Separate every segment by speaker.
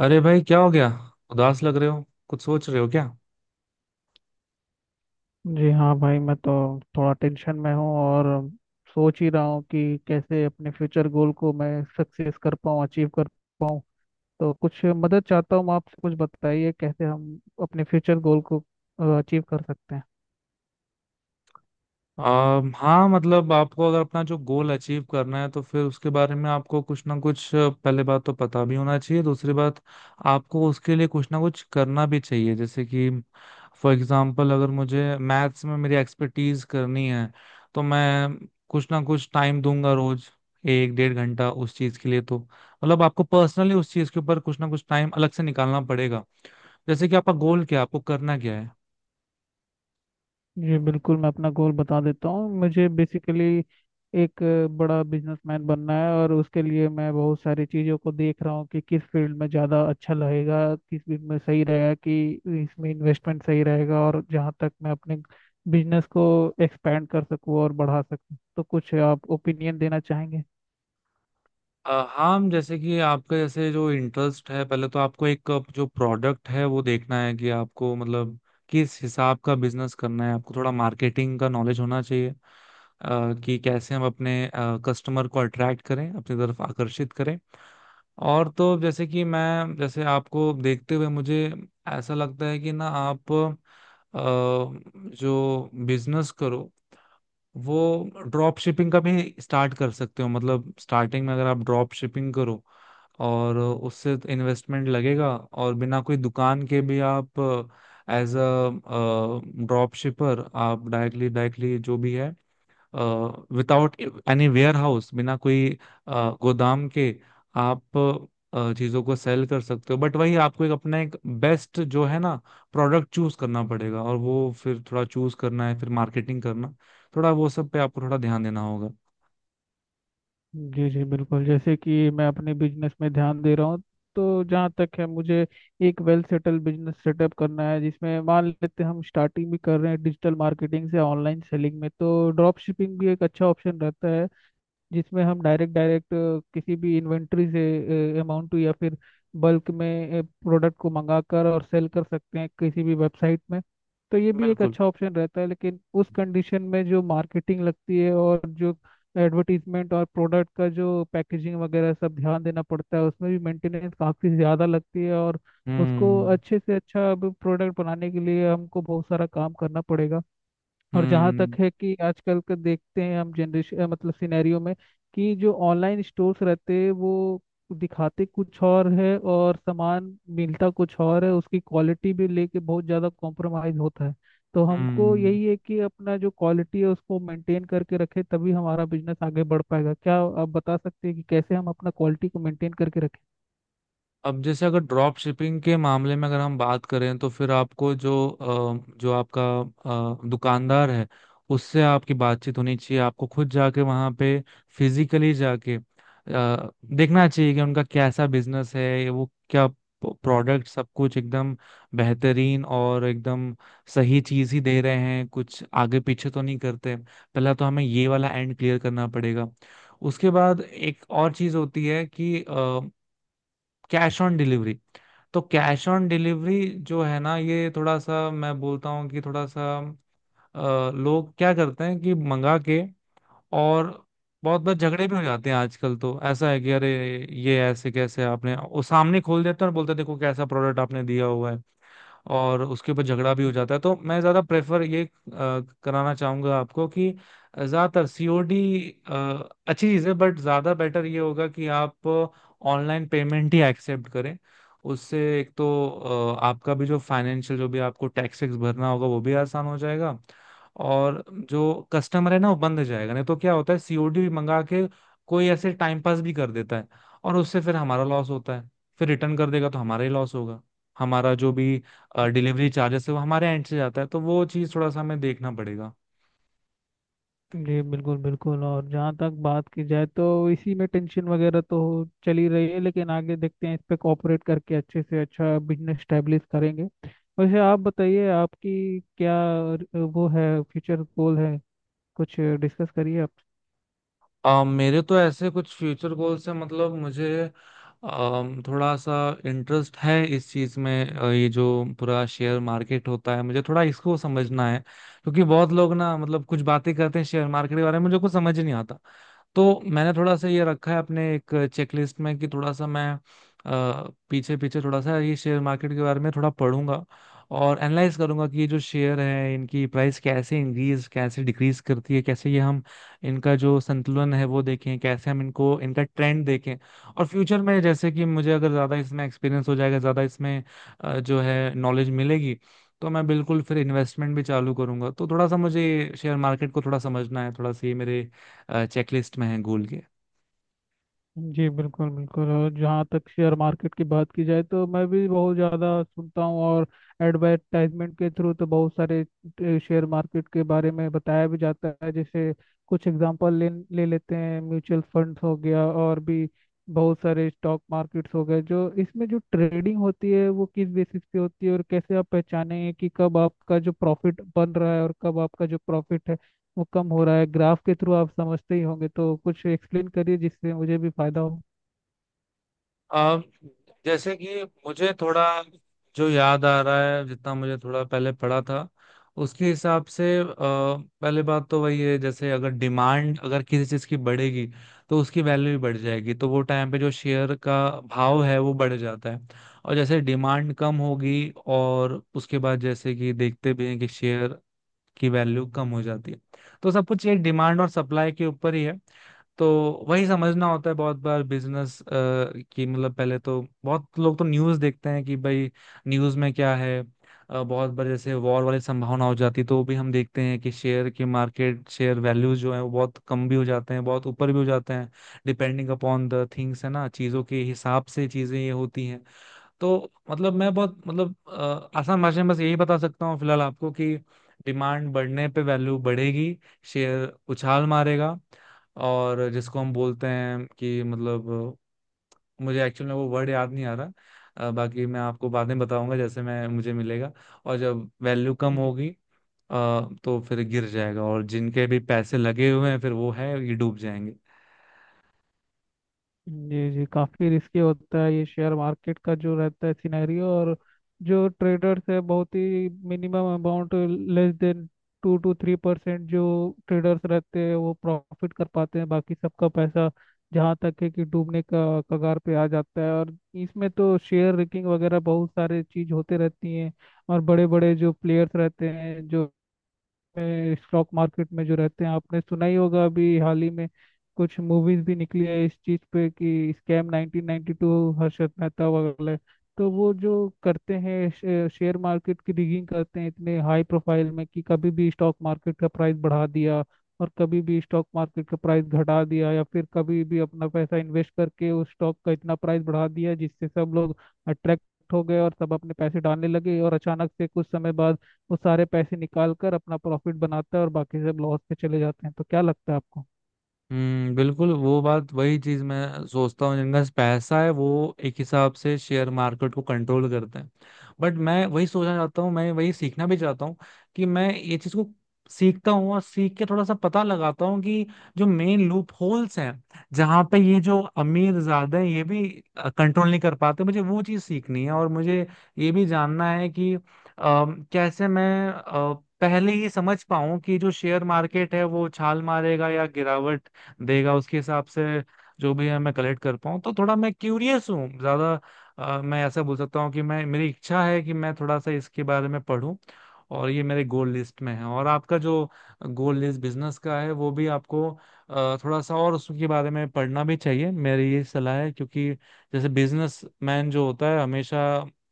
Speaker 1: अरे भाई क्या हो गया। उदास लग रहे हो। कुछ सोच रहे हो क्या?
Speaker 2: जी हाँ भाई, मैं तो थोड़ा टेंशन में हूँ और सोच ही रहा हूँ कि कैसे अपने फ्यूचर गोल को मैं सक्सेस कर पाऊँ, अचीव कर पाऊँ। तो कुछ मदद चाहता हूँ आपसे, कुछ बताइए कैसे हम अपने फ्यूचर गोल को अचीव कर सकते हैं।
Speaker 1: हाँ, मतलब आपको अगर अपना जो गोल अचीव करना है तो फिर उसके बारे में आपको कुछ ना कुछ, पहले बात तो पता भी होना चाहिए। दूसरी बात, आपको उसके लिए कुछ ना कुछ करना भी चाहिए। जैसे कि फॉर एग्जांपल, अगर मुझे मैथ्स में मेरी एक्सपर्टीज करनी है तो मैं कुछ ना कुछ टाइम दूंगा, रोज एक डेढ़ घंटा उस चीज के लिए। तो मतलब आपको पर्सनली उस चीज के ऊपर कुछ ना कुछ टाइम अलग से निकालना पड़ेगा। जैसे कि आपका गोल क्या है, आपको करना क्या है?
Speaker 2: जी बिल्कुल, मैं अपना गोल बता देता हूँ। मुझे बेसिकली एक बड़ा बिजनेसमैन बनना है और उसके लिए मैं बहुत सारी चीज़ों को देख रहा हूँ कि किस फील्ड में ज़्यादा अच्छा लगेगा, किस फील्ड में सही रहेगा, कि इसमें इन्वेस्टमेंट सही रहेगा और जहाँ तक मैं अपने बिजनेस को एक्सपेंड कर सकूँ और बढ़ा सकूँ। तो कुछ आप ओपिनियन देना चाहेंगे।
Speaker 1: हाँ, हम, जैसे कि आपका जैसे जो इंटरेस्ट है, पहले तो आपको एक, जो प्रोडक्ट है वो देखना है कि आपको मतलब किस हिसाब का बिजनेस करना है। आपको थोड़ा मार्केटिंग का नॉलेज होना चाहिए, कि कैसे हम अपने कस्टमर को अट्रैक्ट करें, अपनी तरफ आकर्षित करें। और तो जैसे कि मैं, जैसे आपको देखते हुए मुझे ऐसा लगता है कि ना आप जो बिजनेस करो वो ड्रॉप शिपिंग का भी स्टार्ट कर सकते हो। मतलब स्टार्टिंग में अगर आप ड्रॉप शिपिंग करो, और उससे इन्वेस्टमेंट लगेगा, और बिना कोई दुकान के भी आप एज अ ड्रॉप शिपर आप डायरेक्टली डायरेक्टली जो भी है, विदाउट एनी वेयर हाउस, बिना कोई गोदाम के आप चीजों को सेल कर सकते हो। बट वही आपको एक अपना एक बेस्ट जो है ना प्रोडक्ट चूज करना पड़ेगा। और वो फिर थोड़ा चूज करना है, फिर मार्केटिंग करना, थोड़ा वो सब पे आपको थोड़ा ध्यान देना होगा।
Speaker 2: जी जी बिल्कुल, जैसे कि मैं अपने बिजनेस में ध्यान दे रहा हूँ। तो जहाँ तक है, मुझे एक वेल सेटल बिजनेस सेटअप करना है, जिसमें मान लेते हैं हम स्टार्टिंग भी कर रहे हैं डिजिटल मार्केटिंग से ऑनलाइन सेलिंग में। तो ड्रॉप शिपिंग भी एक अच्छा ऑप्शन रहता है, जिसमें हम डायरेक्ट डायरेक्ट किसी भी इन्वेंट्री से अमाउंट या फिर बल्क में प्रोडक्ट को मंगाकर और सेल कर सकते हैं किसी भी वेबसाइट में। तो ये भी एक
Speaker 1: बिल्कुल।
Speaker 2: अच्छा ऑप्शन रहता है, लेकिन उस कंडीशन में जो मार्केटिंग लगती है और जो एडवर्टीजमेंट और प्रोडक्ट का जो पैकेजिंग वगैरह सब ध्यान देना पड़ता है, उसमें भी मेंटेनेंस काफ़ी ज़्यादा लगती है। और उसको
Speaker 1: हम्म।
Speaker 2: अच्छे से अच्छा प्रोडक्ट बनाने के लिए हमको बहुत सारा काम करना पड़ेगा। और जहाँ तक
Speaker 1: हम्म।
Speaker 2: है कि आजकल का देखते हैं हम जनरेशन, मतलब सिनेरियो में, कि जो ऑनलाइन स्टोर्स रहते हैं, वो दिखाते कुछ और है और सामान मिलता कुछ और है। उसकी क्वालिटी भी लेके बहुत ज़्यादा कॉम्प्रोमाइज होता है। तो हमको
Speaker 1: हम्म।
Speaker 2: यही है कि अपना जो क्वालिटी है उसको मेंटेन करके रखे, तभी हमारा बिजनेस आगे बढ़ पाएगा। क्या आप बता सकते हैं कि कैसे हम अपना क्वालिटी को मेंटेन करके रखें।
Speaker 1: अब जैसे अगर ड्रॉप शिपिंग के मामले में अगर हम बात करें, तो फिर आपको जो जो आपका दुकानदार है उससे आपकी बातचीत होनी चाहिए। आपको खुद जाके वहाँ पे फिजिकली जाके देखना चाहिए कि उनका कैसा बिजनेस है, वो क्या प्रोडक्ट, सब कुछ एकदम बेहतरीन और एकदम सही चीज ही दे रहे हैं, कुछ आगे पीछे तो नहीं करते। पहला तो हमें ये वाला एंड क्लियर करना पड़ेगा। उसके बाद एक और चीज होती है कि कैश ऑन डिलीवरी। तो कैश ऑन डिलीवरी जो है ना, ये थोड़ा सा मैं बोलता हूँ कि थोड़ा सा, लोग क्या करते हैं कि मंगा के, और बहुत बहुत झगड़े भी हो जाते हैं। आजकल तो ऐसा है कि अरे, ये ऐसे कैसे आपने? वो सामने खोल देते हैं और बोलते हैं देखो कैसा प्रोडक्ट आपने दिया हुआ है, और उसके ऊपर झगड़ा भी हो जाता है। तो मैं ज्यादा प्रेफर ये कराना चाहूंगा आपको कि ज्यादातर सीओडी अच्छी चीज है, बट ज्यादा बेटर ये होगा कि आप ऑनलाइन पेमेंट ही एक्सेप्ट करें। उससे एक तो आपका भी जो फाइनेंशियल, जो भी आपको टैक्स वैक्स भरना होगा वो भी आसान हो जाएगा। और जो कस्टमर है ना वो बंद हो जाएगा। नहीं तो क्या होता है, सीओडी मंगा के कोई ऐसे टाइम पास भी कर देता है, और उससे फिर हमारा लॉस होता है। फिर रिटर्न कर देगा तो हमारा ही लॉस होगा। हमारा जो भी डिलीवरी चार्जेस है वो हमारे एंड से जाता है, तो वो चीज़ थोड़ा सा हमें देखना पड़ेगा।
Speaker 2: जी बिल्कुल बिल्कुल, और जहाँ तक बात की जाए तो इसी में टेंशन वगैरह तो चल ही रही है, लेकिन आगे देखते हैं, इस पे कोऑपरेट करके अच्छे से अच्छा बिजनेस स्टैब्लिश करेंगे। वैसे आप बताइए, आपकी क्या वो है फ्यूचर गोल है, कुछ डिस्कस करिए।
Speaker 1: मेरे तो ऐसे कुछ फ्यूचर गोल्स हैं। मतलब मुझे थोड़ा सा इंटरेस्ट है इस चीज़ में, ये जो पूरा शेयर मार्केट होता है मुझे थोड़ा इसको समझना है। क्योंकि बहुत लोग ना, मतलब कुछ बातें करते हैं शेयर मार्केट के बारे में, मुझे कुछ समझ ही नहीं आता। तो मैंने थोड़ा सा ये रखा है अपने एक चेकलिस्ट में कि थोड़ा सा मैं पीछे पीछे थोड़ा सा ये शेयर मार्केट के बारे में थोड़ा पढ़ूंगा और एनालाइज करूंगा कि ये जो शेयर है इनकी प्राइस कैसे इंक्रीज, कैसे डिक्रीज करती है, कैसे ये हम इनका जो संतुलन है वो देखें, कैसे हम इनको, इनका ट्रेंड देखें। और फ्यूचर में जैसे कि मुझे अगर ज़्यादा इसमें एक्सपीरियंस हो जाएगा, ज़्यादा इसमें जो है नॉलेज मिलेगी, तो मैं बिल्कुल फिर इन्वेस्टमेंट भी चालू करूंगा। तो थोड़ा सा मुझे शेयर मार्केट को थोड़ा समझना है, थोड़ा सा ये मेरे चेकलिस्ट में है गूगल के।
Speaker 2: जी बिल्कुल बिल्कुल, और जहाँ तक शेयर मार्केट की बात की जाए तो मैं भी बहुत ज़्यादा सुनता हूँ। और एडवर्टाइजमेंट के थ्रू तो बहुत सारे शेयर मार्केट के बारे में बताया भी जाता है। जैसे कुछ एग्जांपल ले ले लेते हैं, म्यूचुअल फंड्स हो गया और भी बहुत सारे स्टॉक मार्केट्स हो गए, जो इसमें जो ट्रेडिंग होती है वो किस बेसिस पे होती है और कैसे आप पहचानेंगे कि कब आपका जो प्रॉफिट बन रहा है और कब आपका जो प्रॉफिट है वो कम हो रहा है। ग्राफ के थ्रू आप समझते ही होंगे, तो कुछ एक्सप्लेन करिए जिससे मुझे भी फायदा हो।
Speaker 1: अ, जैसे कि मुझे थोड़ा जो याद आ रहा है, जितना मुझे थोड़ा पहले पढ़ा था उसके हिसाब से, पहले बात तो वही है, जैसे अगर डिमांड अगर किसी चीज़ की बढ़ेगी तो उसकी वैल्यू भी बढ़ जाएगी, तो वो टाइम पे जो शेयर का भाव है वो बढ़ जाता है। और जैसे डिमांड कम होगी, और उसके बाद जैसे कि देखते भी हैं कि शेयर की वैल्यू कम हो जाती है। तो सब कुछ ये डिमांड और सप्लाई के ऊपर ही है। तो वही समझना होता है बहुत बार बिजनेस की। मतलब पहले तो बहुत लोग तो न्यूज़ देखते हैं कि भाई न्यूज़ में क्या है। बहुत बार जैसे वॉर वाली संभावना हो जाती है तो भी हम देखते हैं कि शेयर की मार्केट, शेयर वैल्यूज जो है वो बहुत कम भी हो जाते हैं, बहुत ऊपर भी हो जाते हैं। डिपेंडिंग अपॉन द थिंग्स है ना, चीज़ों के हिसाब से चीज़ें ये होती हैं। तो मतलब मैं बहुत, मतलब आसान भाषा में बस यही बता सकता हूँ फिलहाल आपको कि डिमांड बढ़ने पे वैल्यू बढ़ेगी, शेयर उछाल मारेगा। और जिसको हम बोलते हैं कि मतलब, मुझे एक्चुअल में वो वर्ड याद नहीं आ रहा। बाकी मैं आपको बाद में बताऊंगा जैसे मैं मुझे मिलेगा। और जब वैल्यू कम
Speaker 2: जी।
Speaker 1: होगी, अ, तो फिर गिर जाएगा, और जिनके भी पैसे लगे हुए हैं फिर वो है ये डूब जाएंगे।
Speaker 2: जी। जी काफ़ी रिस्की होता है ये शेयर मार्केट का जो रहता है सिनेरियो। और जो ट्रेडर्स है, बहुत ही minimum amount, less than two two three percent जो ट्रेडर्स रहते हैं वो प्रॉफिट कर पाते हैं, बाकी सबका पैसा जहाँ तक है कि डूबने का कगार पे आ जाता है। और इसमें तो शेयर रिगिंग वगैरह बहुत सारे चीज़ होते रहती हैं। और बड़े बड़े जो प्लेयर्स रहते हैं, जो में स्टॉक मार्केट में जो रहते हैं, आपने सुना ही होगा, अभी हाल ही में कुछ मूवीज भी निकली है इस चीज पे, कि स्कैम 1992 हर्षद मेहता वगैरह। तो वो जो करते हैं, शेयर मार्केट की रिगिंग करते हैं इतने हाई प्रोफाइल में कि कभी भी स्टॉक मार्केट का प्राइस बढ़ा दिया और कभी भी स्टॉक मार्केट का प्राइस घटा दिया, या फिर कभी भी अपना पैसा इन्वेस्ट करके उस स्टॉक का इतना प्राइस बढ़ा दिया जिससे सब लोग अट्रैक्ट हो गए और सब अपने पैसे डालने लगे, और अचानक से कुछ समय बाद वो सारे पैसे निकाल कर अपना प्रॉफिट बनाता है और बाकी सब लॉस पे चले जाते हैं। तो क्या लगता है आपको।
Speaker 1: हम्म। बिल्कुल वो बात, वही चीज मैं सोचता हूँ, जिनका पैसा है वो एक हिसाब से शेयर मार्केट को कंट्रोल करते हैं। बट मैं वही सोचना चाहता हूँ, मैं वही सीखना भी चाहता हूँ कि मैं ये चीज को सीखता हूँ, और सीख के थोड़ा सा पता लगाता हूँ कि जो मेन लूप होल्स हैं, जहाँ पे ये जो अमीर ज्यादा हैं ये भी कंट्रोल नहीं कर पाते, मुझे वो चीज सीखनी है। और मुझे ये भी जानना है कि कैसे मैं पहले ही समझ पाऊं कि जो शेयर मार्केट है वो छाल मारेगा या गिरावट देगा, उसके हिसाब से जो भी है मैं कलेक्ट कर पाऊँ। तो थोड़ा मैं क्यूरियस हूँ ज्यादा, मैं ऐसा बोल सकता हूँ कि मैं, मेरी इच्छा है कि मैं थोड़ा सा इसके बारे में पढूं। और ये मेरे गोल लिस्ट में है। और आपका जो गोल लिस्ट बिजनेस का है वो भी आपको थोड़ा सा और उसके बारे में पढ़ना भी चाहिए, मेरी ये सलाह है। क्योंकि जैसे बिजनेस मैन जो होता है हमेशा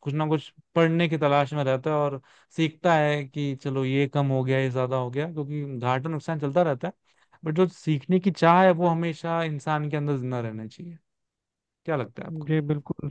Speaker 1: कुछ ना कुछ पढ़ने की तलाश में रहता है, और सीखता है कि चलो ये कम हो गया, ये ज्यादा हो गया, क्योंकि घाटा नुकसान चलता रहता है। बट जो सीखने की चाह है वो हमेशा इंसान के अंदर जिंदा रहना चाहिए। क्या लगता है आपको?
Speaker 2: जी बिल्कुल।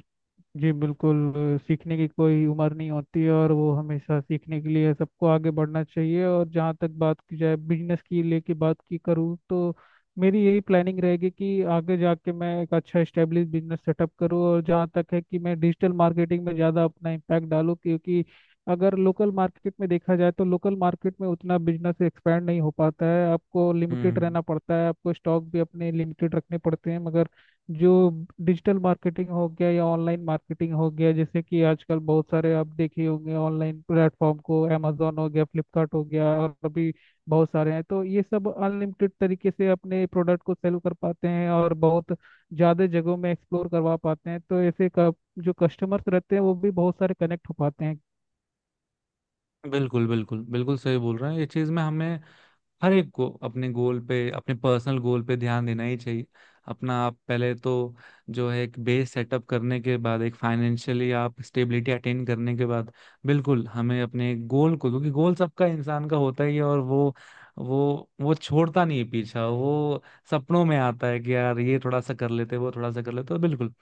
Speaker 2: जी बिल्कुल, सीखने की कोई उम्र नहीं होती है और वो हमेशा सीखने के लिए सबको आगे बढ़ना चाहिए। और जहाँ तक बात की जाए बिजनेस की लेके बात की करूँ, तो मेरी यही प्लानिंग रहेगी कि आगे जाके मैं एक अच्छा स्टेब्लिश बिजनेस सेटअप करूँ। और जहाँ तक है कि मैं डिजिटल मार्केटिंग में ज़्यादा अपना इम्पैक्ट डालूँ, क्योंकि अगर लोकल मार्केट में देखा जाए तो लोकल मार्केट में उतना बिजनेस एक्सपैंड नहीं हो पाता है, आपको लिमिटेड
Speaker 1: हम्म।
Speaker 2: रहना पड़ता है, आपको स्टॉक भी अपने लिमिटेड रखने पड़ते हैं। मगर जो डिजिटल मार्केटिंग हो गया या ऑनलाइन मार्केटिंग हो गया, जैसे कि आजकल बहुत सारे आप देखे होंगे ऑनलाइन प्लेटफॉर्म को, अमेजोन हो गया, फ्लिपकार्ट हो गया, और अभी बहुत सारे हैं, तो ये सब अनलिमिटेड तरीके से अपने प्रोडक्ट को सेल कर पाते हैं और बहुत ज़्यादा जगहों में एक्सप्लोर करवा पाते हैं। तो ऐसे जो कस्टमर्स रहते हैं वो भी बहुत सारे कनेक्ट हो पाते
Speaker 1: बिल्कुल बिल्कुल बिल्कुल सही बोल रहे हैं। ये चीज़ में हमें हर एक को अपने गोल पे, अपने पर्सनल गोल पे ध्यान देना ही चाहिए। अपना आप पहले तो जो है एक बेस सेटअप करने के बाद, एक फाइनेंशियली आप स्टेबिलिटी अटेन करने के बाद, बिल्कुल हमें अपने गोल को, क्योंकि गोल सबका, इंसान का होता ही है, और वो वो छोड़ता नहीं है पीछा। वो सपनों में आता है कि यार ये थोड़ा सा कर लेते, वो थोड़ा सा कर लेते। तो बिल्कुल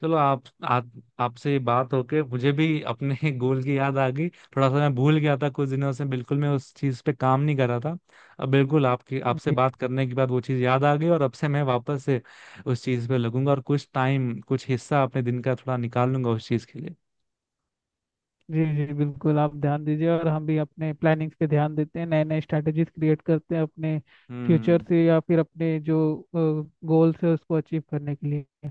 Speaker 1: चलो, आप आपसे ये बात होके मुझे भी अपने गोल की याद आ गई। थोड़ा सा मैं भूल गया था, कुछ दिनों से बिल्कुल मैं उस चीज पे काम नहीं कर रहा था। अब बिल्कुल आपकी आपसे
Speaker 2: हैं।
Speaker 1: बात करने के बाद वो चीज याद आ गई, और अब से मैं वापस से उस चीज पे लगूंगा, और कुछ टाइम, कुछ हिस्सा अपने दिन का थोड़ा निकाल लूंगा उस चीज के लिए।
Speaker 2: जी जी बिल्कुल, आप ध्यान दीजिए और हम भी अपने प्लानिंग्स पे ध्यान देते हैं, नए नए स्ट्रैटेजीज क्रिएट करते हैं अपने फ्यूचर
Speaker 1: हम्म।
Speaker 2: से, या फिर अपने जो गोल्स है उसको अचीव करने के लिए।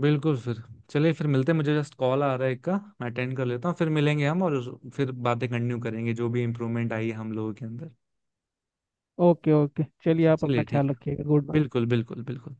Speaker 1: बिल्कुल। फिर चलिए, फिर मिलते हैं। मुझे जस्ट कॉल आ रहा है एक का, मैं अटेंड कर लेता हूँ, फिर मिलेंगे हम, और फिर बातें कंटिन्यू करेंगे जो भी इम्प्रूवमेंट आई है हम लोगों के अंदर।
Speaker 2: ओके ओके चलिए, आप अपना
Speaker 1: चलिए ठीक
Speaker 2: ख्याल
Speaker 1: है।
Speaker 2: रखिएगा, गुड बाय।
Speaker 1: बिल्कुल बिल्कुल बिल्कुल।